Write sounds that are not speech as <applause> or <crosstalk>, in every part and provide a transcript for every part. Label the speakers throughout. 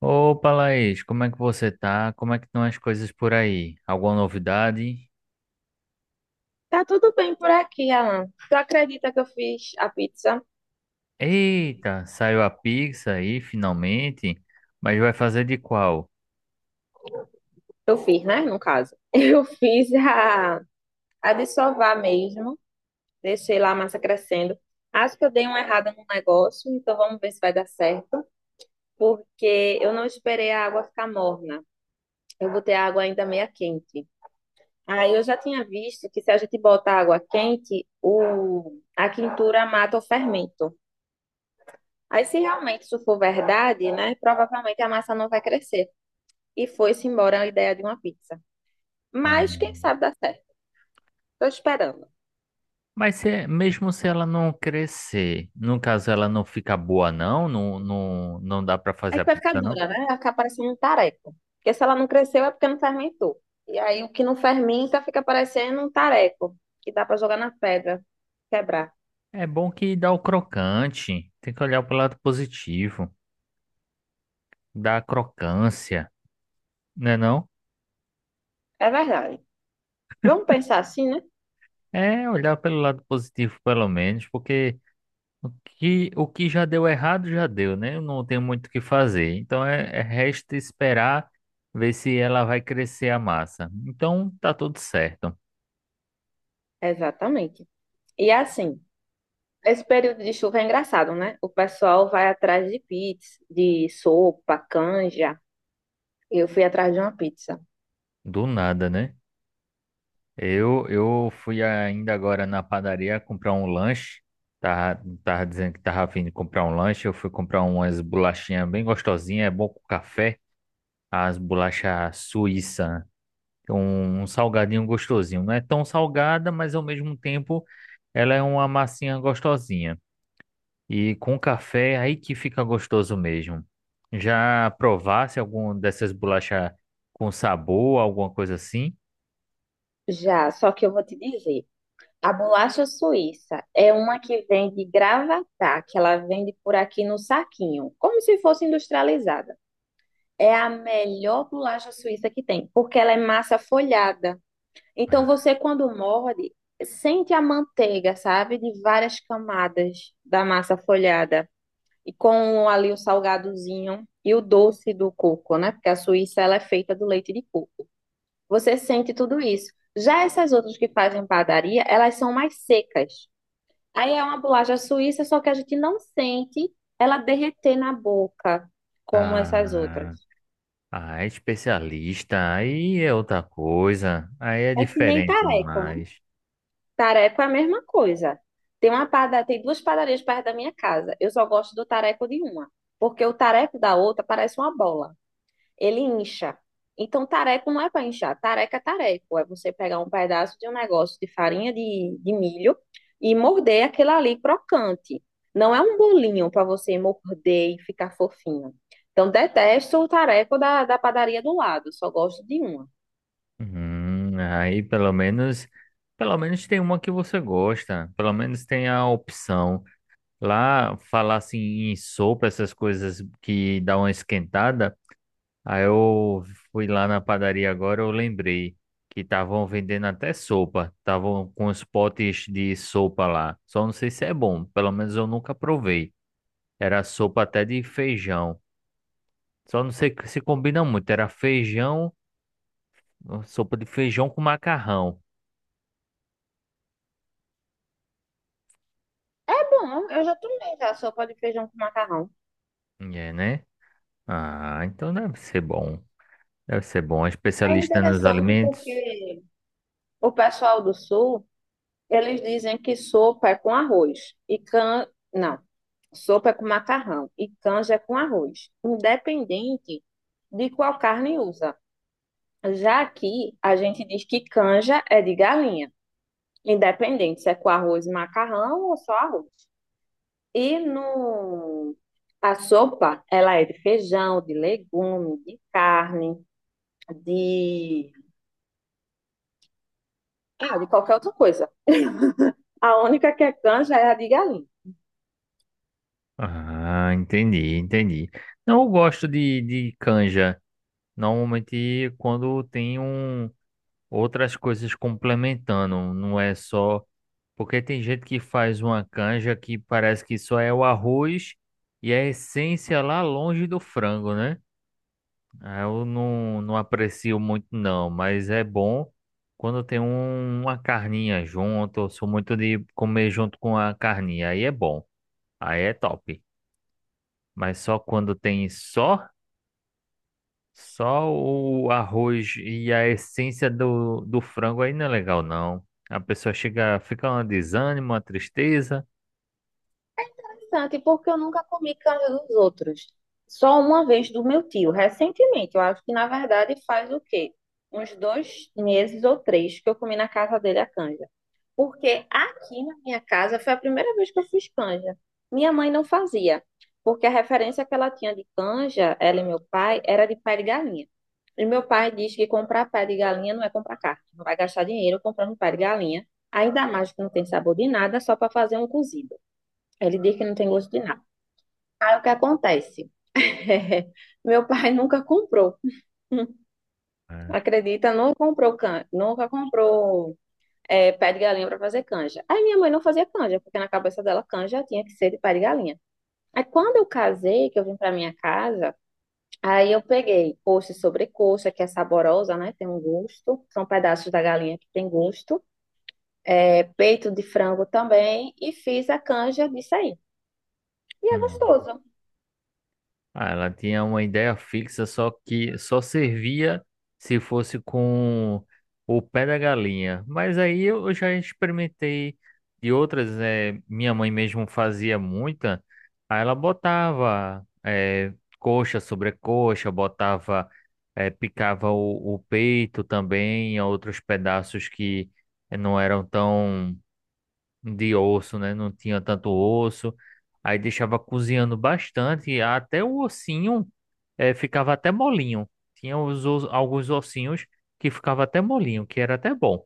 Speaker 1: Opa, Laís, como é que você tá? Como é que estão as coisas por aí? Alguma novidade?
Speaker 2: Tá tudo bem por aqui, Alan. Tu acredita que eu fiz a pizza?
Speaker 1: Eita, saiu a pizza aí, finalmente, mas vai fazer de qual?
Speaker 2: Eu fiz, né? No caso. <laughs> Eu fiz a de sovar mesmo. Deixei lá a massa crescendo. Acho que eu dei uma errada no negócio, então vamos ver se vai dar certo. Porque eu não esperei a água ficar morna. Eu botei a água ainda meia quente. Aí eu já tinha visto que se a gente bota água quente, a quintura mata o fermento. Aí se realmente isso for verdade, né? Provavelmente a massa não vai crescer, e foi-se embora a ideia de uma pizza.
Speaker 1: Ah,
Speaker 2: Mas quem sabe dá certo. Tô esperando.
Speaker 1: mas se, mesmo se ela não crescer, no caso ela não fica boa não, não, não, não dá pra
Speaker 2: É
Speaker 1: fazer a
Speaker 2: que vai ficar
Speaker 1: pizza não?
Speaker 2: dura, né? Vai ficar parecendo um tareco. Porque se ela não cresceu é porque não fermentou. E aí o que não fermenta fica parecendo um tareco, que dá pra jogar na pedra, quebrar.
Speaker 1: É bom que dá o crocante, tem que olhar pelo lado positivo, dá a crocância, né não?
Speaker 2: É verdade. Vamos pensar assim, né?
Speaker 1: É olhar pelo lado positivo pelo menos, porque... O que já deu errado, já deu, né? Eu não tenho muito o que fazer. Então, resta esperar ver se ela vai crescer a massa. Então, tá tudo certo.
Speaker 2: Exatamente. E assim, esse período de chuva é engraçado, né? O pessoal vai atrás de pizza, de sopa, canja. Eu fui atrás de uma pizza.
Speaker 1: Do nada, né? Eu fui ainda agora na padaria comprar um lanche. Tava dizendo que tava a fim de comprar um lanche. Eu fui comprar umas bolachinhas bem gostosinhas. É bom com café. As bolachas suíça. Um salgadinho gostosinho. Não é tão salgada, mas ao mesmo tempo ela é uma massinha gostosinha. E com café, é aí que fica gostoso mesmo. Já provasse algum dessas bolachas com sabor, alguma coisa assim?
Speaker 2: Já, só que eu vou te dizer. A bolacha suíça é uma que vem de Gravatá, que ela vende por aqui no saquinho, como se fosse industrializada. É a melhor bolacha suíça que tem, porque ela é massa folhada. Então você, quando morde, sente a manteiga, sabe? De várias camadas da massa folhada. E com ali o salgadozinho e o doce do coco, né? Porque a Suíça ela é feita do leite de coco. Você sente tudo isso. Já essas outras que fazem padaria, elas são mais secas. Aí é uma bolacha suíça, só que a gente não sente ela derreter na boca, como essas outras.
Speaker 1: Ah, ah, é especialista. Aí é outra coisa. Aí é
Speaker 2: É que nem
Speaker 1: diferente
Speaker 2: tareco, né?
Speaker 1: demais.
Speaker 2: Tareco é a mesma coisa. Tem duas padarias perto da minha casa. Eu só gosto do tareco de uma, porque o tareco da outra parece uma bola, ele incha. Então, tareco não é para inchar, tareco. É você pegar um pedaço de um negócio de farinha de milho e morder aquele ali crocante. Não é um bolinho para você morder e ficar fofinho. Então, detesto o tareco da padaria do lado, só gosto de uma.
Speaker 1: Aí pelo menos tem uma que você gosta. Pelo menos tem a opção. Lá, falar assim em sopa, essas coisas que dá uma esquentada. Aí eu fui lá na padaria agora, eu lembrei que estavam vendendo até sopa. Estavam com os potes de sopa lá. Só não sei se é bom, pelo menos eu nunca provei. Era sopa até de feijão. Só não sei se combina muito. Era feijão, sopa de feijão com macarrão.
Speaker 2: Bom, eu já tomei já sopa de feijão com macarrão.
Speaker 1: É, né? Ah, então deve ser bom. Deve ser bom. É
Speaker 2: É
Speaker 1: especialista nos
Speaker 2: interessante
Speaker 1: alimentos.
Speaker 2: porque o pessoal do Sul. Eles dizem que sopa é com arroz e can... Não, sopa é com macarrão e canja é com arroz, independente de qual carne usa. Já aqui, a gente diz que canja é de galinha, independente se é com arroz e macarrão ou só arroz. E no... a sopa, ela é de feijão, de legume, de carne, de... Ah, de qualquer outra coisa. A única que é canja é a de galinha.
Speaker 1: Ah, entendi, entendi. Não, eu gosto de canja. Normalmente quando tem um, outras coisas complementando, não é só. Porque tem gente que faz uma canja que parece que só é o arroz e a essência lá longe do frango, né? Ah, eu não aprecio muito, não, mas é bom quando tem uma carninha junto. Eu sou muito de comer junto com a carninha, aí é bom, aí é top. Mas só quando tem só, só o arroz e a essência do frango aí não é legal, não. A pessoa chega, fica um desânimo, uma tristeza.
Speaker 2: Interessante, porque eu nunca comi casa dos outros. Só uma vez do meu tio, recentemente. Eu acho que, na verdade, faz o quê? Uns dois meses ou três que eu comi na casa dele a canja. Porque aqui na minha casa foi a primeira vez que eu fiz canja. Minha mãe não fazia, porque a referência que ela tinha de canja, ela e meu pai, era de pé de galinha. E meu pai diz que comprar pé de galinha não é comprar carne. Não vai gastar dinheiro comprando pé de galinha, ainda mais que não tem sabor de nada, só para fazer um cozido. Ele diz que não tem gosto de nada. Aí o que acontece? <laughs> Meu pai nunca comprou. <laughs>
Speaker 1: É.
Speaker 2: Acredita, nunca comprou can... nunca comprou pé de galinha para fazer canja. Aí minha mãe não fazia canja, porque na cabeça dela canja tinha que ser de pé de galinha. Aí quando eu casei, que eu vim para minha casa, aí eu peguei coxa e sobrecoxa, que é saborosa, né? Tem um gosto. São pedaços da galinha que tem gosto. É, peito de frango também. E fiz a canja disso aí. E é
Speaker 1: Hum.
Speaker 2: gostoso.
Speaker 1: Ah, ela tinha uma ideia fixa, só que só servia se fosse com o pé da galinha. Mas aí eu já experimentei de outras, minha mãe mesmo fazia muita. Aí ela botava coxa sobre coxa, botava, picava o peito também, outros pedaços que não eram tão de osso, né? Não tinha tanto osso. Aí deixava cozinhando bastante, até o ossinho ficava até molinho. Tinha alguns ossinhos que ficava até molinho, que era até bom.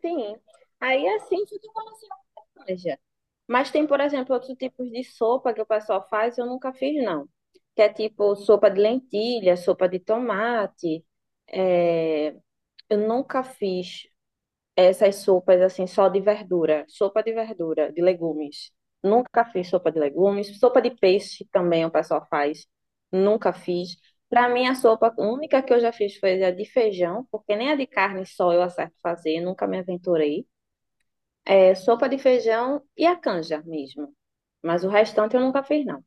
Speaker 2: Sim. Aí é assim foi que eu veja, mas tem, por exemplo, outros tipos de sopa que o pessoal faz, eu nunca fiz, não. Que é tipo sopa de lentilha, sopa de tomate. É, eu nunca fiz essas sopas assim, só de verdura. Sopa de verdura, de legumes. Nunca fiz sopa de legumes. Sopa de peixe também o pessoal faz. Nunca fiz. Para mim, a sopa única que eu já fiz foi a de feijão, porque nem a de carne só eu acerto fazer, nunca me aventurei sopa de feijão e a canja mesmo. Mas o restante eu nunca fiz, não.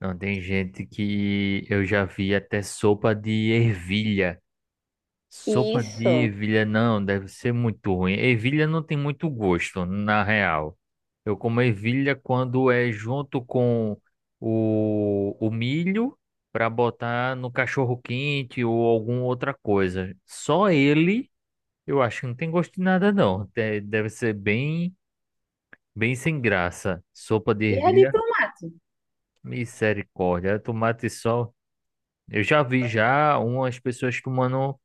Speaker 1: Não, tem gente que eu já vi até sopa de ervilha. Sopa de
Speaker 2: Isso.
Speaker 1: ervilha não, deve ser muito ruim. Ervilha não tem muito gosto, na real. Eu como ervilha quando é junto com o milho para botar no cachorro quente ou alguma outra coisa. Só ele, eu acho que não tem gosto de nada não. Deve ser bem, bem sem graça. Sopa de
Speaker 2: E a de
Speaker 1: ervilha,
Speaker 2: tomate.
Speaker 1: misericórdia. Tomate e sol. Eu já vi já umas pessoas tomando.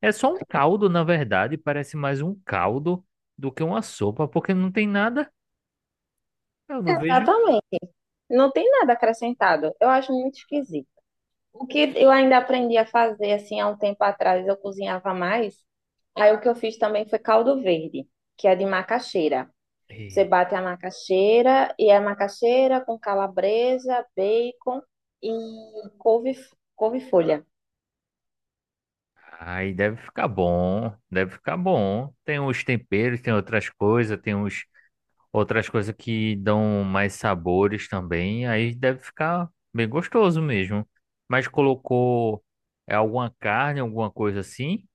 Speaker 1: É só um caldo, na verdade, parece mais um caldo do que uma sopa, porque não tem nada, eu não vejo.
Speaker 2: Exatamente. Não tem nada acrescentado. Eu acho muito esquisito. O que eu ainda aprendi a fazer, assim, há um tempo atrás, eu cozinhava mais. Aí o que eu fiz também foi caldo verde, que é de macaxeira. Você
Speaker 1: E-
Speaker 2: bate a macaxeira, e é macaxeira com calabresa, bacon e couve, couve-folha.
Speaker 1: ai, deve ficar bom, deve ficar bom. Tem os temperos, tem outras coisas, tem uns, outras coisas que dão mais sabores também, aí deve ficar bem gostoso mesmo. Mas colocou alguma carne, alguma coisa assim?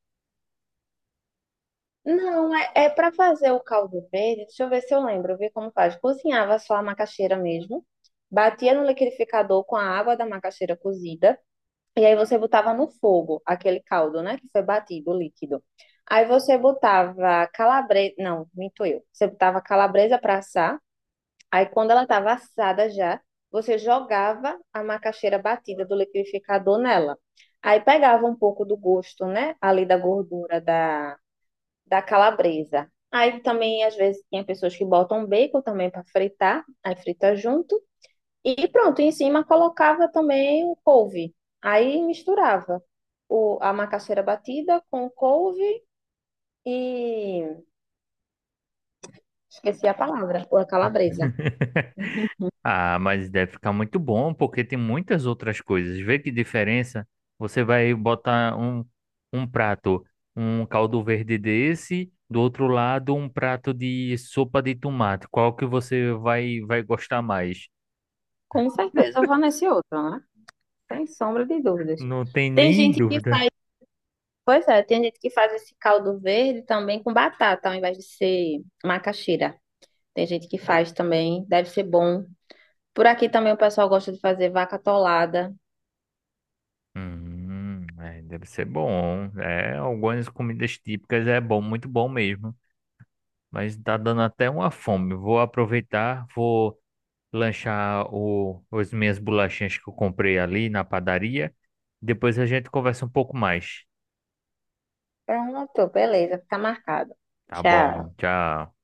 Speaker 2: Não, é para fazer o caldo verde. Deixa eu ver se eu lembro, ver como faz. Cozinhava só a macaxeira mesmo, batia no liquidificador com a água da macaxeira cozida, e aí você botava no fogo aquele caldo, né, que foi batido, o líquido. Aí você botava calabresa, não, minto eu. Você botava calabresa para assar. Aí quando ela estava assada já, você jogava a macaxeira batida do liquidificador nela. Aí pegava um pouco do gosto, né, ali da gordura da calabresa. Aí também, às vezes, tem pessoas que botam bacon também para fritar, aí frita junto. E pronto, em cima colocava também o couve. Aí misturava a macaxeira batida com o couve e esqueci a palavra, ou a calabresa.
Speaker 1: Ah, mas deve ficar muito bom, porque tem muitas outras coisas. Vê que diferença. Você vai botar um, um prato, um caldo verde desse, do outro lado um prato de sopa de tomate. Qual que você vai, vai gostar mais?
Speaker 2: Com certeza eu vou nesse outro, né? Sem sombra de dúvidas.
Speaker 1: Não tem
Speaker 2: Tem
Speaker 1: nem
Speaker 2: gente que
Speaker 1: dúvida.
Speaker 2: faz, pois é, tem gente que faz esse caldo verde também com batata, ao invés de ser macaxeira. Tem gente que faz também, deve ser bom. Por aqui também o pessoal gosta de fazer vaca atolada.
Speaker 1: É, deve ser bom. É, algumas comidas típicas é bom, muito bom mesmo. Mas tá dando até uma fome. Vou aproveitar, vou lanchar as minhas bolachinhas que eu comprei ali na padaria. Depois a gente conversa um pouco mais.
Speaker 2: Pronto, beleza, fica marcado.
Speaker 1: Tá bom,
Speaker 2: Tchau.
Speaker 1: tchau.